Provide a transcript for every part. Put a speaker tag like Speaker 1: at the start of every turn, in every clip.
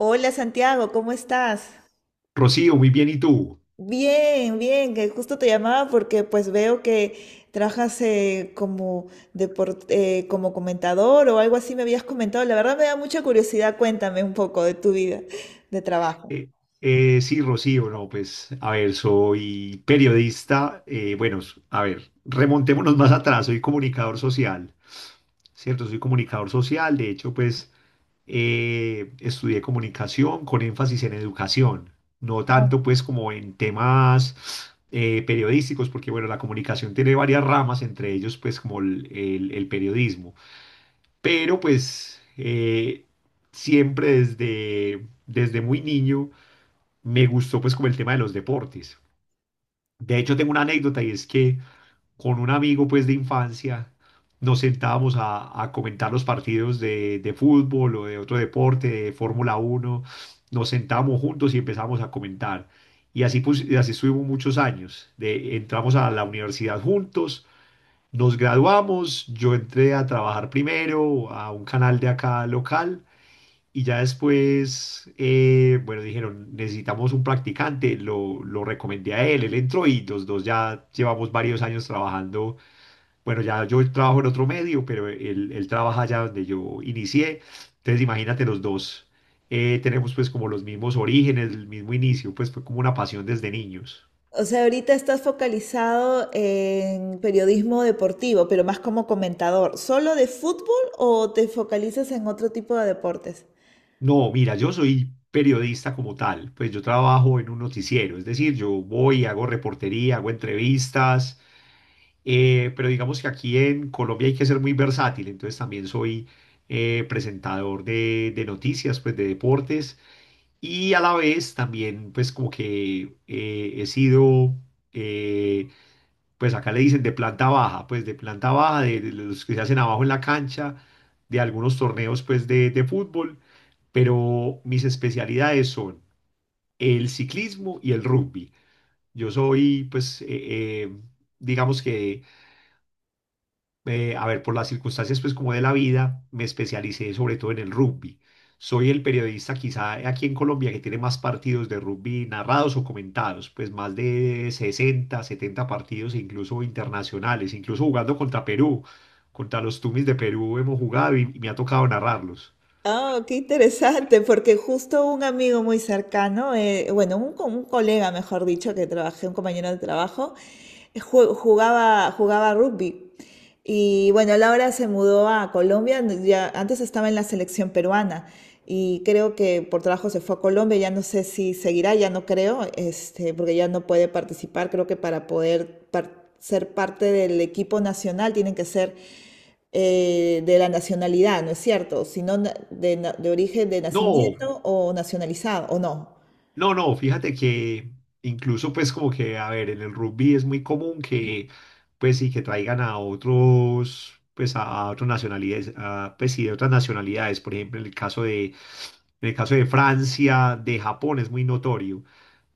Speaker 1: Hola Santiago, ¿cómo estás?
Speaker 2: Rocío, muy bien, ¿y tú?
Speaker 1: Bien, bien, que justo te llamaba porque pues veo que trabajas como como comentador o algo así me habías comentado. La verdad me da mucha curiosidad, cuéntame un poco de tu vida de trabajo.
Speaker 2: Eh, sí, Rocío, no, pues, a ver, soy periodista, bueno, a ver, remontémonos más atrás, soy comunicador social, ¿cierto? Soy comunicador social, de hecho, pues, estudié comunicación con énfasis en educación, no tanto, pues, como en temas periodísticos, porque, bueno, la comunicación tiene varias ramas, entre ellos, pues, como el periodismo. Pero pues siempre desde muy niño me gustó pues como el tema de los deportes. De hecho tengo una anécdota y es que con un amigo pues de infancia nos sentábamos a comentar los partidos de fútbol o de otro deporte, de Fórmula uno, nos sentábamos juntos y empezamos a comentar. Y así, pues, y así estuvimos muchos años. De, entramos a la universidad juntos, nos graduamos, yo entré a trabajar primero a un canal de acá local y ya después, bueno, dijeron, necesitamos un practicante, lo recomendé a él, él entró y los dos ya llevamos varios años trabajando. Bueno, ya yo trabajo en otro medio, pero él trabaja allá donde yo inicié. Entonces, imagínate los dos. Tenemos pues como los mismos orígenes, el mismo inicio, pues fue como una pasión desde niños.
Speaker 1: O sea, ahorita estás focalizado en periodismo deportivo, pero más como comentador. ¿Solo de fútbol o te focalizas en otro tipo de deportes?
Speaker 2: No, mira, yo soy periodista como tal, pues yo trabajo en un noticiero, es decir, yo voy, hago reportería, hago entrevistas, pero digamos que aquí en Colombia hay que ser muy versátil, entonces también soy presentador de noticias, pues de deportes, y a la vez también pues como que he sido... eh, pues acá le dicen de planta baja, pues de planta baja, de los que se hacen abajo en la cancha, de algunos torneos pues de fútbol, pero mis especialidades son el ciclismo y el rugby. Yo soy pues, eh, digamos que a ver, por las circunstancias pues como de la vida, me especialicé sobre todo en el rugby. Soy el periodista quizá aquí en Colombia que tiene más partidos de rugby narrados o comentados, pues más de 60, 70 partidos e incluso internacionales, incluso jugando contra Perú, contra los Tumis de Perú hemos jugado y me ha tocado narrarlos.
Speaker 1: Ah, qué interesante, porque justo un amigo muy cercano, bueno, un colega, mejor dicho, que trabajé, un compañero de trabajo, jugaba rugby. Y bueno, él ahora se mudó a Colombia, ya, antes estaba en la selección peruana y creo que por trabajo se fue a Colombia, ya no sé si seguirá, ya no creo, este, porque ya no puede participar, creo que para poder ser parte del equipo nacional tienen que ser de la nacionalidad, ¿no es cierto? Sino de origen de
Speaker 2: No,
Speaker 1: nacimiento o nacionalizado, ¿o no?
Speaker 2: no, fíjate que incluso pues como que, a ver, en el rugby es muy común que pues sí, que traigan a otros, pues a otras nacionalidades, a, pues sí, de otras nacionalidades, por ejemplo, en el caso de, en el caso de Francia, de Japón es muy notorio.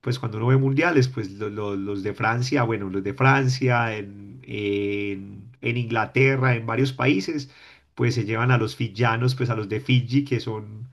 Speaker 2: Pues cuando uno ve mundiales, pues los de Francia, bueno, los de Francia, en Inglaterra, en varios países, pues se llevan a los fiyanos, pues a los de Fiji, que son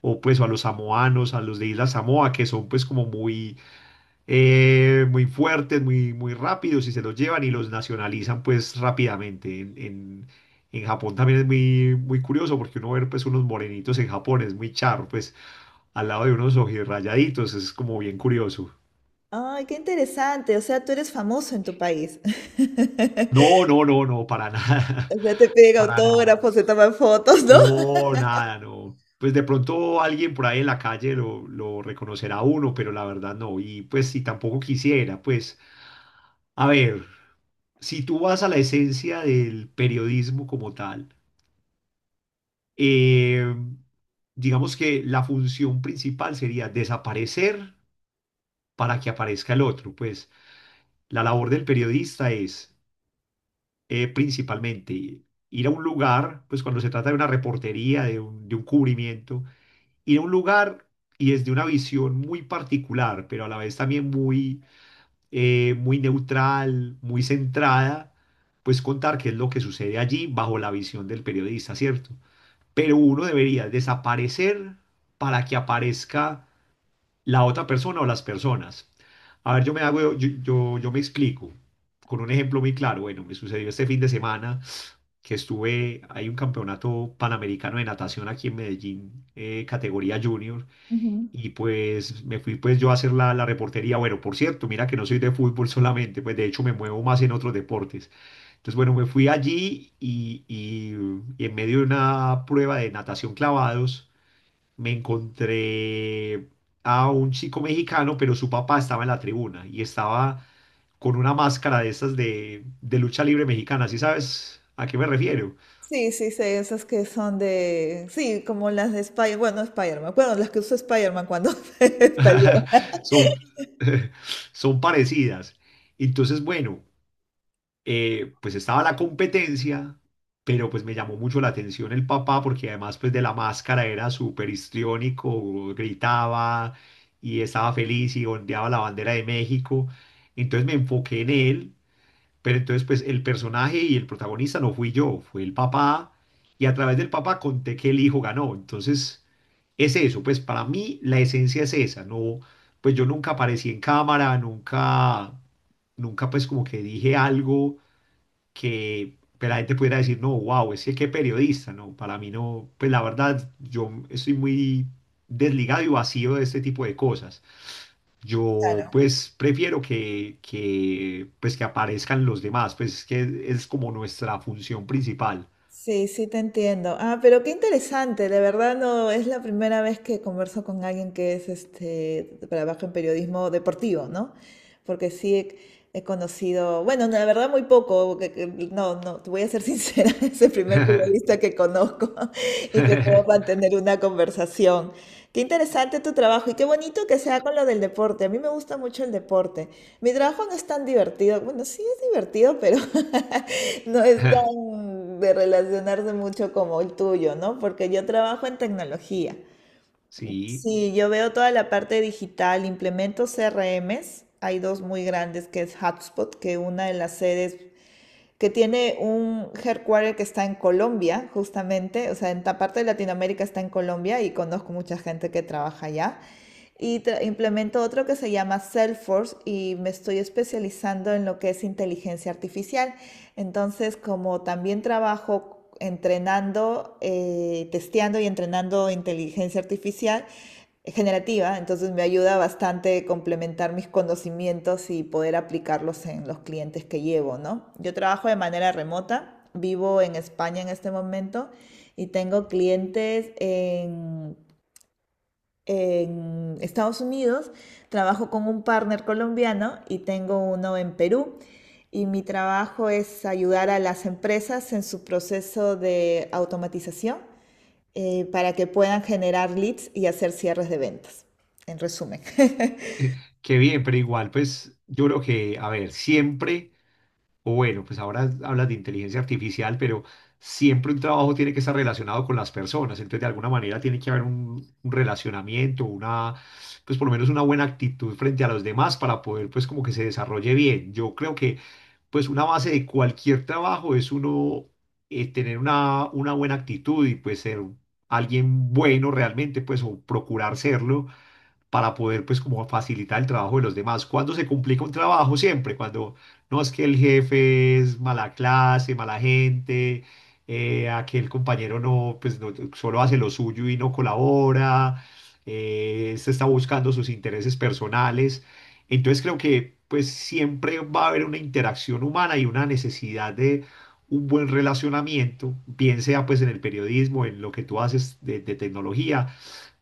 Speaker 2: o pues o a los samoanos, a los de Isla Samoa, que son pues como muy, muy fuertes, muy rápidos y se los llevan y los nacionalizan pues rápidamente. En Japón también es muy, muy curioso porque uno ver pues unos morenitos en Japón es muy charro, pues al lado de unos ojirrayaditos, es como bien curioso.
Speaker 1: Ay, qué interesante. O sea, tú eres famoso en tu país.
Speaker 2: No, no, no, no, para nada,
Speaker 1: O sea, te piden
Speaker 2: para nada.
Speaker 1: autógrafos, se toman fotos, ¿no?
Speaker 2: No, nada, no. Pues de pronto alguien por ahí en la calle lo reconocerá a uno, pero la verdad no. Y pues si tampoco quisiera, pues a ver, si tú vas a la esencia del periodismo como tal, eh, digamos que la función principal sería desaparecer para que aparezca el otro. Pues la labor del periodista es principalmente ir a un lugar, pues cuando se trata de una reportería, de un cubrimiento, ir a un lugar y desde una visión muy particular, pero a la vez también muy, muy neutral, muy centrada, pues contar qué es lo que sucede allí bajo la visión del periodista, ¿cierto? Pero uno debería desaparecer para que aparezca la otra persona o las personas. A ver, yo me hago, yo me explico con un ejemplo muy claro. Bueno, me sucedió este fin de semana que estuve, hay un campeonato panamericano de natación aquí en Medellín, categoría junior,
Speaker 1: Ujú.
Speaker 2: y pues me fui pues yo a hacer la reportería. Bueno, por cierto, mira que no soy de fútbol solamente, pues de hecho me muevo más en otros deportes. Entonces, bueno, me fui allí y en medio de una prueba de natación clavados me encontré a un chico mexicano, pero su papá estaba en la tribuna y estaba con una máscara de estas de lucha libre mexicana. ¿Sí sabes a qué me refiero?
Speaker 1: Sí, sí, sí, esas que son de Sí, como las de Spider-Man, bueno, no Spider-Man, bueno, las que usó Spider-Man cuando salió.
Speaker 2: Son, son parecidas. Entonces, bueno. Pues estaba la competencia, pero pues me llamó mucho la atención el papá porque además pues de la máscara era súper histriónico, gritaba y estaba feliz y ondeaba la bandera de México. Entonces me enfoqué en él, pero entonces pues el personaje y el protagonista no fui yo, fue el papá y a través del papá conté que el hijo ganó. Entonces es eso, pues para mí la esencia es esa, no, pues yo nunca aparecí en cámara, nunca, nunca pues como que dije algo que pues, la gente pudiera decir, no, wow, es que qué periodista, ¿no? Para mí no, pues la verdad, yo estoy muy desligado y vacío de este tipo de cosas. Yo pues prefiero pues, que aparezcan los demás, pues es que es como nuestra función principal.
Speaker 1: Sí, sí, te entiendo. Ah, pero qué interesante, de verdad no es la primera vez que converso con alguien que es este trabaja en periodismo deportivo, ¿no? Porque sí he conocido, bueno, la verdad muy poco, no, no, te voy a ser sincera, es el primer periodista que conozco y que puedo mantener una conversación. Qué interesante tu trabajo y qué bonito que sea con lo del deporte. A mí me gusta mucho el deporte. Mi trabajo no es tan divertido. Bueno, sí es divertido, pero no es tan de relacionarse mucho como el tuyo, ¿no? Porque yo trabajo en tecnología.
Speaker 2: Sí,
Speaker 1: Sí, yo veo toda la parte digital, implemento CRMs. Hay dos muy grandes, que es HubSpot, que una de las sedes que tiene un headquarter que está en Colombia, justamente, o sea, en esta parte de Latinoamérica está en Colombia y conozco mucha gente que trabaja allá. Y implemento otro que se llama Salesforce y me estoy especializando en lo que es inteligencia artificial. Entonces, como también trabajo entrenando, testeando y entrenando inteligencia artificial, es generativa, entonces me ayuda bastante complementar mis conocimientos y poder aplicarlos en los clientes que llevo, ¿no? Yo trabajo de manera remota, vivo en España en este momento y tengo clientes en Estados Unidos, trabajo con un partner colombiano y tengo uno en Perú. Y mi trabajo es ayudar a las empresas en su proceso de automatización para que puedan generar leads y hacer cierres de ventas, en resumen.
Speaker 2: eh, qué bien, pero igual, pues yo creo que, a ver, siempre. O bueno, pues ahora hablas de inteligencia artificial, pero siempre un trabajo tiene que estar relacionado con las personas. Entonces, de alguna manera tiene que haber un relacionamiento, una, pues por lo menos una buena actitud frente a los demás para poder, pues como que se desarrolle bien. Yo creo que, pues una base de cualquier trabajo es uno tener una buena actitud y pues ser alguien bueno realmente, pues o procurar serlo para poder pues como facilitar el trabajo de los demás. ¿Cuando se complica un trabajo? Siempre, cuando no es que el jefe es mala clase, mala gente, aquel compañero no, pues no, solo hace lo suyo y no colabora, este está buscando sus intereses personales. Entonces creo que pues siempre va a haber una interacción humana y una necesidad de un buen relacionamiento, bien sea pues en el periodismo, en lo que tú haces de tecnología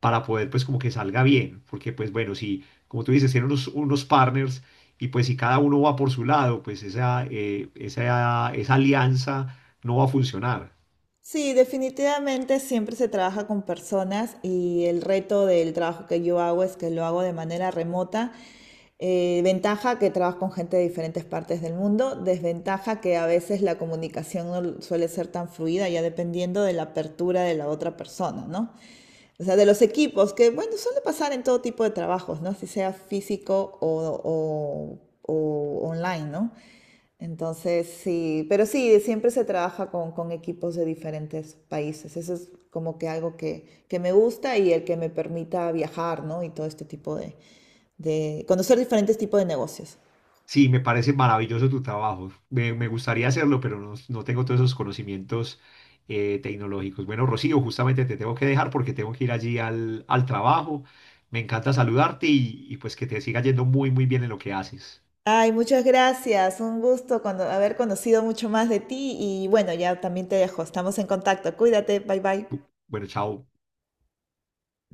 Speaker 2: para poder pues como que salga bien, porque pues bueno, si como tú dices, tienen unos partners y pues si cada uno va por su lado, pues esa, esa alianza no va a funcionar.
Speaker 1: Sí, definitivamente siempre se trabaja con personas y el reto del trabajo que yo hago es que lo hago de manera remota. Ventaja que trabajo con gente de diferentes partes del mundo, desventaja que a veces la comunicación no suele ser tan fluida, ya dependiendo de la apertura de la otra persona, ¿no? O sea, de los equipos, que bueno, suele pasar en todo tipo de trabajos, ¿no? Si sea físico o, o online, ¿no? Entonces, sí, pero sí, siempre se trabaja con equipos de diferentes países. Eso es como que algo que me gusta y el que me permita viajar, ¿no? Y todo este tipo de conocer diferentes tipos de negocios.
Speaker 2: Sí, me parece maravilloso tu trabajo. Me gustaría hacerlo, pero no, no tengo todos esos conocimientos tecnológicos. Bueno, Rocío, justamente te tengo que dejar porque tengo que ir allí al trabajo. Me encanta saludarte y pues que te siga yendo muy, muy bien en lo que haces.
Speaker 1: Ay, muchas gracias. Un gusto haber conocido mucho más de ti y bueno, ya también te dejo. Estamos en contacto. Cuídate. Bye bye.
Speaker 2: Bueno, chao.